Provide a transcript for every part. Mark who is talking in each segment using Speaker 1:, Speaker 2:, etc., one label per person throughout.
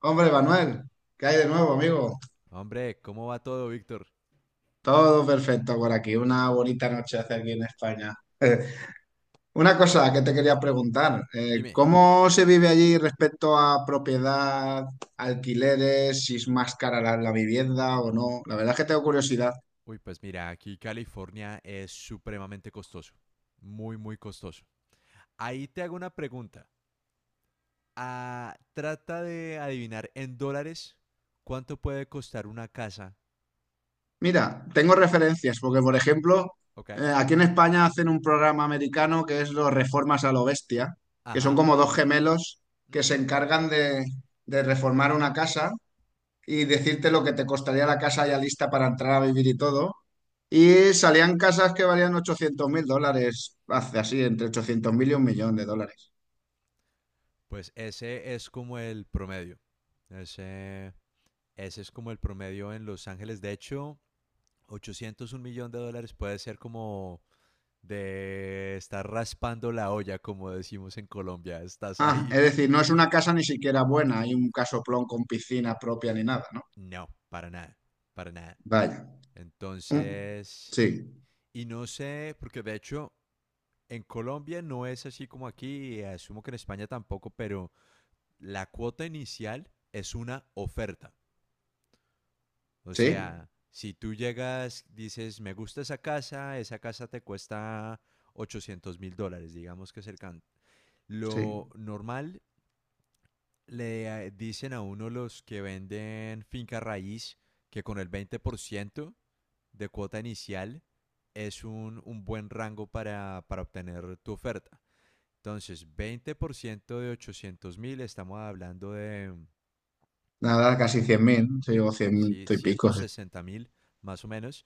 Speaker 1: Hombre, Manuel, ¿qué hay de nuevo, amigo?
Speaker 2: Hombre, ¿cómo va todo, Víctor?
Speaker 1: Todo perfecto por aquí. Una bonita noche hace aquí en España. Una cosa que te quería preguntar,
Speaker 2: Dime.
Speaker 1: ¿cómo se vive allí respecto a propiedad, alquileres, si es más cara la vivienda o no? La verdad es que tengo curiosidad.
Speaker 2: Uy, pues mira, aquí California es supremamente costoso. Muy, muy costoso. Ahí te hago una pregunta. Ah, trata de adivinar en dólares cuánto puede costar una casa.
Speaker 1: Mira, tengo referencias, porque por ejemplo,
Speaker 2: ¿Ok?
Speaker 1: aquí en España hacen un programa americano que es los Reformas a lo Bestia, que son
Speaker 2: Ajá.
Speaker 1: como dos gemelos que se
Speaker 2: Ujú.
Speaker 1: encargan de reformar una casa y decirte lo que te costaría la casa ya lista para entrar a vivir y todo. Y salían casas que valían 800 mil dólares, hace así, entre 800 mil y un millón de dólares.
Speaker 2: Pues ese es como el promedio. Ese, ese es como el promedio en Los Ángeles. De hecho, 800, un millón de dólares puede ser como de estar raspando la olla, como decimos en Colombia, estás
Speaker 1: Ah,
Speaker 2: ahí.
Speaker 1: es decir, no es una casa ni siquiera buena, hay un casoplón con piscina propia ni nada, ¿no?
Speaker 2: No, para nada, para nada.
Speaker 1: Vaya. Mm,
Speaker 2: Entonces,
Speaker 1: Sí,
Speaker 2: y no sé, porque de hecho en Colombia no es así como aquí, y asumo que en España tampoco, pero la cuota inicial es una oferta. O
Speaker 1: sí,
Speaker 2: sea, si tú llegas, dices, me gusta esa casa te cuesta 800.000 dólares, digamos que cercano. Lo
Speaker 1: sí.
Speaker 2: normal le dicen a uno los que venden finca raíz que con el 20% de cuota inicial es un buen rango para obtener tu oferta. Entonces, 20% de 800 mil, estamos hablando de,
Speaker 1: Nada, casi 100 mil, sí,
Speaker 2: de
Speaker 1: o 100
Speaker 2: sí,
Speaker 1: y pico. Sí.
Speaker 2: 160 mil más o menos.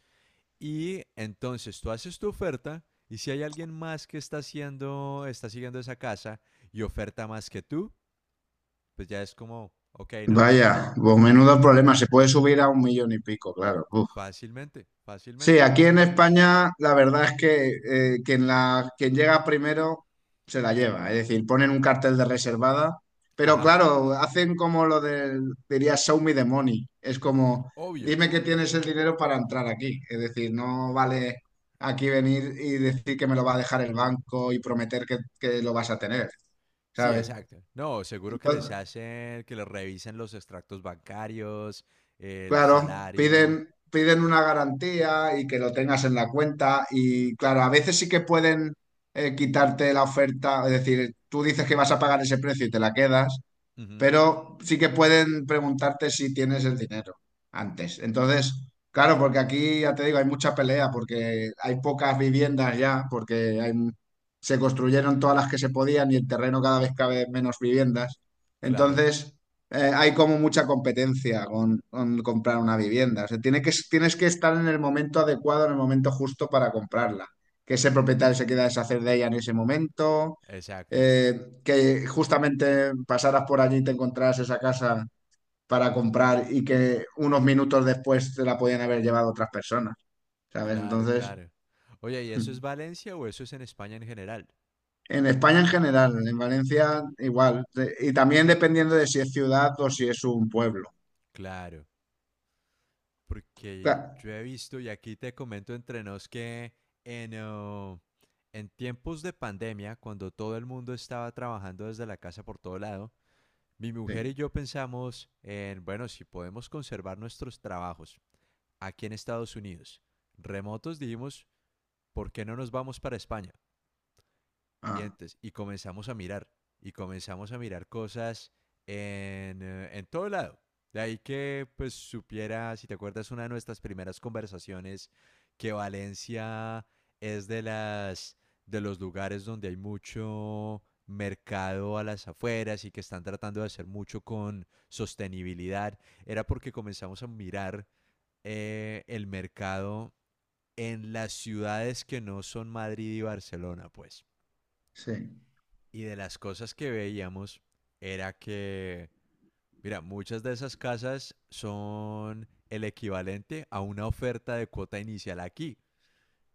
Speaker 2: Y entonces tú haces tu oferta y si hay alguien más que está haciendo, está siguiendo esa casa y oferta más que tú, pues ya es como, ok, no.
Speaker 1: Vaya, pues menudo problema, se puede subir a un millón y pico, claro. Uf.
Speaker 2: Fácilmente,
Speaker 1: Sí,
Speaker 2: fácilmente.
Speaker 1: aquí en España la verdad es que quien, quien llega primero se la lleva, es decir, ponen un cartel de reservada, pero
Speaker 2: Ajá,
Speaker 1: claro, hacen como lo del, diría, show me the money, es como,
Speaker 2: obvio.
Speaker 1: dime que tienes el dinero para entrar aquí, es decir, no vale aquí venir y decir que me lo va a dejar el banco y prometer que lo vas a tener,
Speaker 2: Sí,
Speaker 1: ¿sabes?
Speaker 2: exacto. No, seguro que les hacen, que les revisen los extractos bancarios, el
Speaker 1: Claro,
Speaker 2: salario.
Speaker 1: piden, piden una garantía y que lo tengas en la cuenta y claro, a veces sí que pueden quitarte la oferta, es decir, tú dices que vas a pagar ese precio y te la quedas,
Speaker 2: Ujú,
Speaker 1: pero sí que pueden preguntarte si tienes el dinero antes. Entonces, claro, porque aquí ya te digo, hay mucha pelea, porque hay pocas viviendas ya, se construyeron todas las que se podían y el terreno cada vez cabe menos viviendas.
Speaker 2: claro,
Speaker 1: Entonces, hay como mucha competencia con comprar una vivienda. O sea, tiene que, tienes que estar en el momento adecuado, en el momento justo para comprarla. Que ese propietario se quiera deshacer de ella en ese momento
Speaker 2: exacto.
Speaker 1: que justamente pasaras por allí y te encontraras esa casa para comprar y que unos minutos después te la podían haber llevado otras personas, ¿sabes?
Speaker 2: Claro,
Speaker 1: Entonces,
Speaker 2: claro. Oye, ¿y eso es Valencia o eso es en España en general?
Speaker 1: en España en general, en Valencia igual, y también dependiendo de si es ciudad o si es un pueblo.
Speaker 2: Claro, porque
Speaker 1: Cla-
Speaker 2: yo he visto, y aquí te comento entre nos, que en, oh, en tiempos de pandemia, cuando todo el mundo estaba trabajando desde la casa por todo lado, mi mujer y
Speaker 1: Sí,
Speaker 2: yo pensamos en, bueno, si podemos conservar nuestros trabajos aquí en Estados Unidos, remotos, dijimos, ¿por qué no nos vamos para España? Y
Speaker 1: ah,
Speaker 2: entonces, y comenzamos a mirar, y comenzamos a mirar cosas en todo lado. De ahí que pues supiera, si te acuerdas, una de nuestras primeras conversaciones, que Valencia es de los lugares donde hay mucho mercado a las afueras y que están tratando de hacer mucho con sostenibilidad, era porque comenzamos a mirar el mercado en las ciudades que no son Madrid y Barcelona, pues.
Speaker 1: sí,
Speaker 2: Y de las cosas que veíamos era que, mira, muchas de esas casas son el equivalente a una oferta de cuota inicial aquí.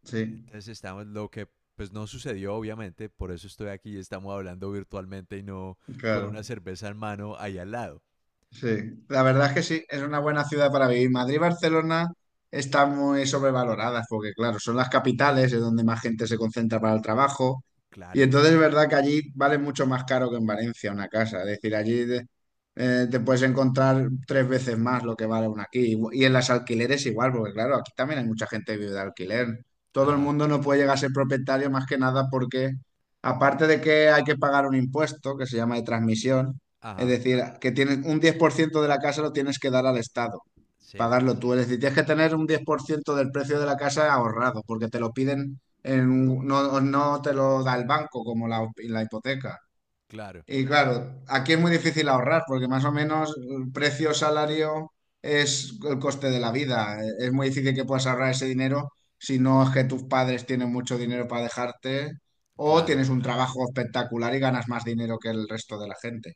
Speaker 1: sí,
Speaker 2: Entonces estamos, lo que pues no sucedió obviamente, por eso estoy aquí y estamos hablando virtualmente y no con una
Speaker 1: claro.
Speaker 2: cerveza en mano ahí al lado.
Speaker 1: Sí, la verdad es que sí, es una buena ciudad para vivir. Madrid y Barcelona están muy sobrevaloradas porque, claro, son las capitales, es donde más gente se concentra para el trabajo. Y
Speaker 2: Claro,
Speaker 1: entonces es verdad que allí vale mucho más caro que en Valencia una casa. Es decir, te puedes encontrar tres veces más lo que vale una aquí. Y en las alquileres igual, porque, claro, aquí también hay mucha gente que vive de alquiler. Todo el
Speaker 2: ajá,
Speaker 1: mundo no puede llegar a ser propietario más que nada porque, aparte de que hay que pagar un impuesto que se llama de transmisión, es
Speaker 2: ajá,
Speaker 1: decir, que tienes un 10% de la casa lo tienes que dar al Estado,
Speaker 2: sí,
Speaker 1: pagarlo tú. Es decir, tienes que tener un 10% del precio de la casa ahorrado, porque te lo piden, no, no te lo da el banco como la hipoteca.
Speaker 2: claro,
Speaker 1: Y claro, aquí es muy difícil ahorrar, porque más o menos el precio salario es el coste de la vida. Es muy difícil que puedas ahorrar ese dinero si no es que tus padres tienen mucho dinero para dejarte o
Speaker 2: claro.
Speaker 1: tienes un trabajo espectacular y ganas más dinero que el resto de la gente.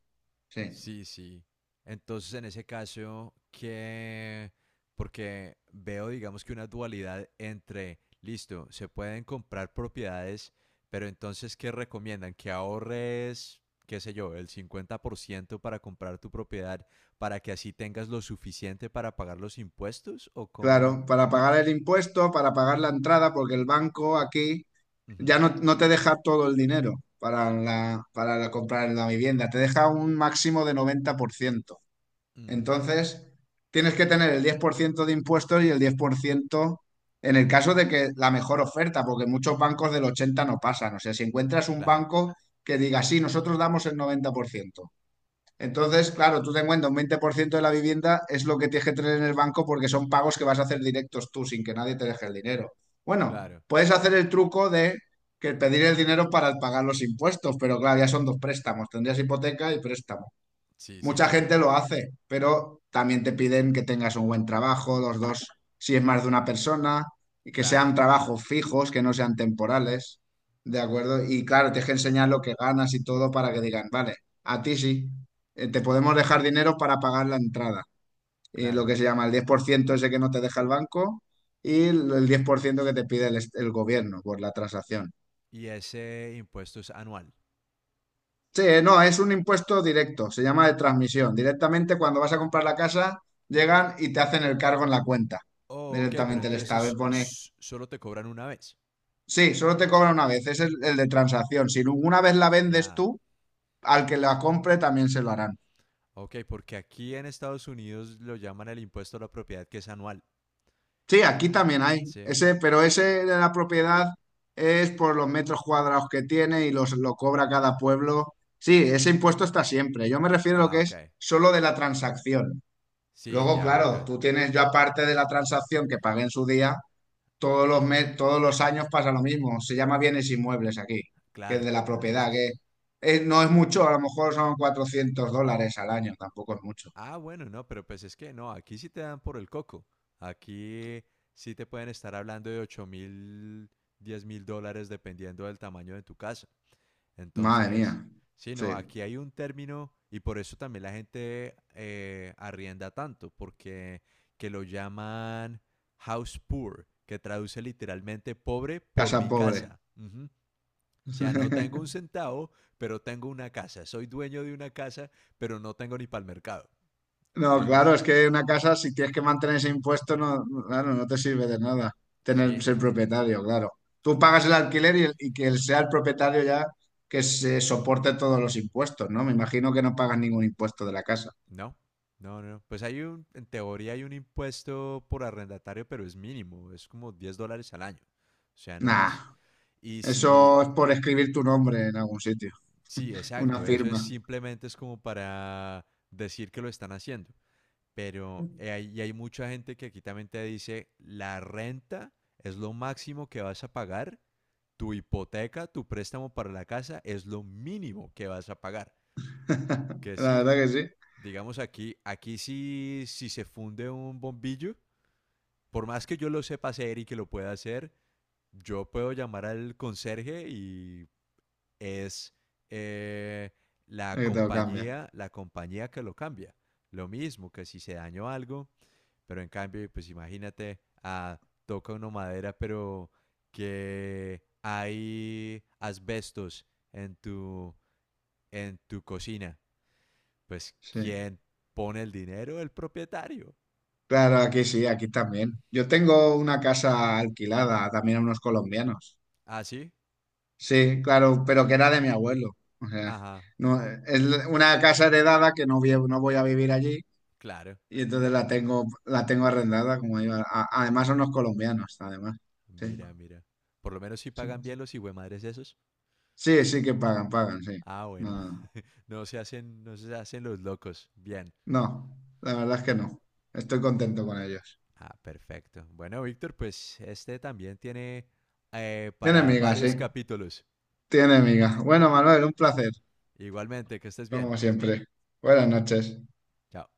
Speaker 1: Sí.
Speaker 2: Sí, sí. Entonces, en ese caso, que porque veo, digamos que una dualidad entre, listo, se pueden comprar propiedades, pero entonces, ¿qué recomiendan? Que ahorres, qué sé yo, el 50% para comprar tu propiedad, para que así tengas lo suficiente para pagar los impuestos, o cómo...
Speaker 1: Claro, para pagar el impuesto, para pagar la entrada, porque el banco aquí
Speaker 2: Ujú,
Speaker 1: ya no, no te deja todo el dinero comprar la vivienda, te deja un máximo de 90%.
Speaker 2: mm,
Speaker 1: Entonces, tienes que tener el 10% de impuestos y el 10% en el caso de que la mejor oferta, porque muchos bancos del 80 no pasan. O sea, si encuentras un
Speaker 2: claro,
Speaker 1: banco que diga, sí, nosotros damos el 90%. Entonces, claro, tú te cuenta, un 20% de la vivienda es lo que tienes que tener en el banco porque son pagos que vas a hacer directos tú sin que nadie te deje el dinero. Bueno,
Speaker 2: claro.
Speaker 1: puedes hacer el truco de que pedir el dinero para pagar los impuestos, pero claro, ya son dos préstamos, tendrías hipoteca y préstamo.
Speaker 2: Sí, sí,
Speaker 1: Mucha
Speaker 2: sí.
Speaker 1: gente lo hace, pero también te piden que tengas un buen trabajo, los dos, si es más de una persona, y que
Speaker 2: Claro,
Speaker 1: sean trabajos fijos, que no sean temporales, ¿de acuerdo? Y claro, tienes que enseñar lo que ganas y todo para que digan, vale, a ti sí, te podemos dejar dinero para pagar la entrada, y lo
Speaker 2: claro.
Speaker 1: que se llama el 10% ese que no te deja el banco y el 10% que te pide el gobierno por la transacción.
Speaker 2: Y ese impuesto es anual.
Speaker 1: Sí, no, es un impuesto directo, se llama de transmisión. Directamente cuando vas a comprar la casa, llegan y te hacen el cargo en la cuenta.
Speaker 2: Oh, ok, pero
Speaker 1: Directamente el Estado y
Speaker 2: entonces
Speaker 1: pone,
Speaker 2: solo te cobran una vez.
Speaker 1: sí, solo te cobra una vez, es el de transacción. Si una vez la vendes
Speaker 2: Ya.
Speaker 1: tú, al que la compre también se lo harán.
Speaker 2: Ok, porque aquí en Estados Unidos lo llaman el impuesto a la propiedad que es anual.
Speaker 1: Sí, aquí también hay
Speaker 2: ¿Sí?
Speaker 1: ese, pero ese de la propiedad es por los metros cuadrados que tiene y los, lo cobra cada pueblo. Sí, ese impuesto está siempre. Yo me refiero a lo
Speaker 2: Ah,
Speaker 1: que es
Speaker 2: ok.
Speaker 1: solo de la transacción.
Speaker 2: Sí,
Speaker 1: Luego,
Speaker 2: ya, ok.
Speaker 1: claro, tú tienes, yo aparte de la transacción que pagué en su día, todos los mes, todos los años pasa lo mismo. Se llama bienes inmuebles aquí, que es
Speaker 2: Claro.
Speaker 1: de la propiedad,
Speaker 2: Es
Speaker 1: que no es mucho, a lo mejor son 400 dólares al año, tampoco es mucho.
Speaker 2: Ah, bueno, no, pero pues es que no, aquí sí te dan por el coco. Aquí sí te pueden estar hablando de 8.000, 10.000 dólares dependiendo del tamaño de tu casa.
Speaker 1: Madre
Speaker 2: Entonces,
Speaker 1: mía,
Speaker 2: sí,
Speaker 1: sí,
Speaker 2: no, aquí hay un término y por eso también la gente arrienda tanto, porque que lo llaman house poor, que traduce literalmente pobre por
Speaker 1: casa
Speaker 2: mi
Speaker 1: pobre.
Speaker 2: casa. Ujú. O sea, no tengo un centavo, pero tengo una casa. Soy dueño de una casa, pero no tengo ni para el mercado.
Speaker 1: No, claro,
Speaker 2: Es,
Speaker 1: es que una casa, si tienes que mantener ese impuesto, no, no, claro, no te sirve de nada tener
Speaker 2: sí,
Speaker 1: ser
Speaker 2: no,
Speaker 1: propietario, claro. Tú pagas
Speaker 2: es,
Speaker 1: el alquiler y, y que él sea el propietario ya que se soporte todos los impuestos, ¿no? Me imagino que no pagas ningún impuesto de la casa.
Speaker 2: no. No, no, no. Pues hay en teoría hay un impuesto por arrendatario, pero es mínimo, es como 10 dólares al año. O sea, no es...
Speaker 1: Nah,
Speaker 2: Y si,
Speaker 1: eso es por escribir tu nombre en algún sitio,
Speaker 2: sí,
Speaker 1: una
Speaker 2: exacto, eso es
Speaker 1: firma.
Speaker 2: simplemente es como para decir que lo están haciendo. Pero hay, y hay mucha gente que aquí también te dice, la renta es lo máximo que vas a pagar, tu hipoteca, tu préstamo para la casa es lo mínimo que vas a pagar. Que
Speaker 1: La
Speaker 2: sí,
Speaker 1: verdad que sí,
Speaker 2: digamos aquí, aquí sí, si se funde un bombillo, por más que yo lo sepa hacer y que lo pueda hacer, yo puedo llamar al conserje y es eh, la
Speaker 1: es que te lo cambia.
Speaker 2: compañía, que lo cambia. Lo mismo que si se dañó algo, pero en cambio, pues imagínate, ah, toca una madera, pero que hay asbestos en tu, en tu cocina. Pues,
Speaker 1: Sí.
Speaker 2: ¿quién pone el dinero? El propietario.
Speaker 1: Claro, aquí sí, aquí también. Yo tengo una casa alquilada también a unos colombianos.
Speaker 2: ¿Ah, sí?
Speaker 1: Sí, claro, pero que era de mi abuelo. O sea,
Speaker 2: Ajá,
Speaker 1: no, es una casa heredada que no, no voy a vivir allí
Speaker 2: claro.
Speaker 1: y entonces la tengo arrendada, como digo. Además son los colombianos, además. Sí,
Speaker 2: Mira, mira. Por lo menos si
Speaker 1: sí,
Speaker 2: pagan bien los madres esos.
Speaker 1: sí, sí que pagan, pagan, sí.
Speaker 2: Ah, bueno.
Speaker 1: No,
Speaker 2: No se hacen, no se hacen los locos. Bien.
Speaker 1: no, la verdad es que no. Estoy contento con ellos.
Speaker 2: Ah, perfecto. Bueno, Víctor, pues este también tiene
Speaker 1: Tiene
Speaker 2: para
Speaker 1: miga,
Speaker 2: varios
Speaker 1: sí,
Speaker 2: capítulos.
Speaker 1: tiene miga. Bueno, Manuel, un placer,
Speaker 2: Igualmente, que estés bien.
Speaker 1: como siempre. Buenas noches.
Speaker 2: Chao.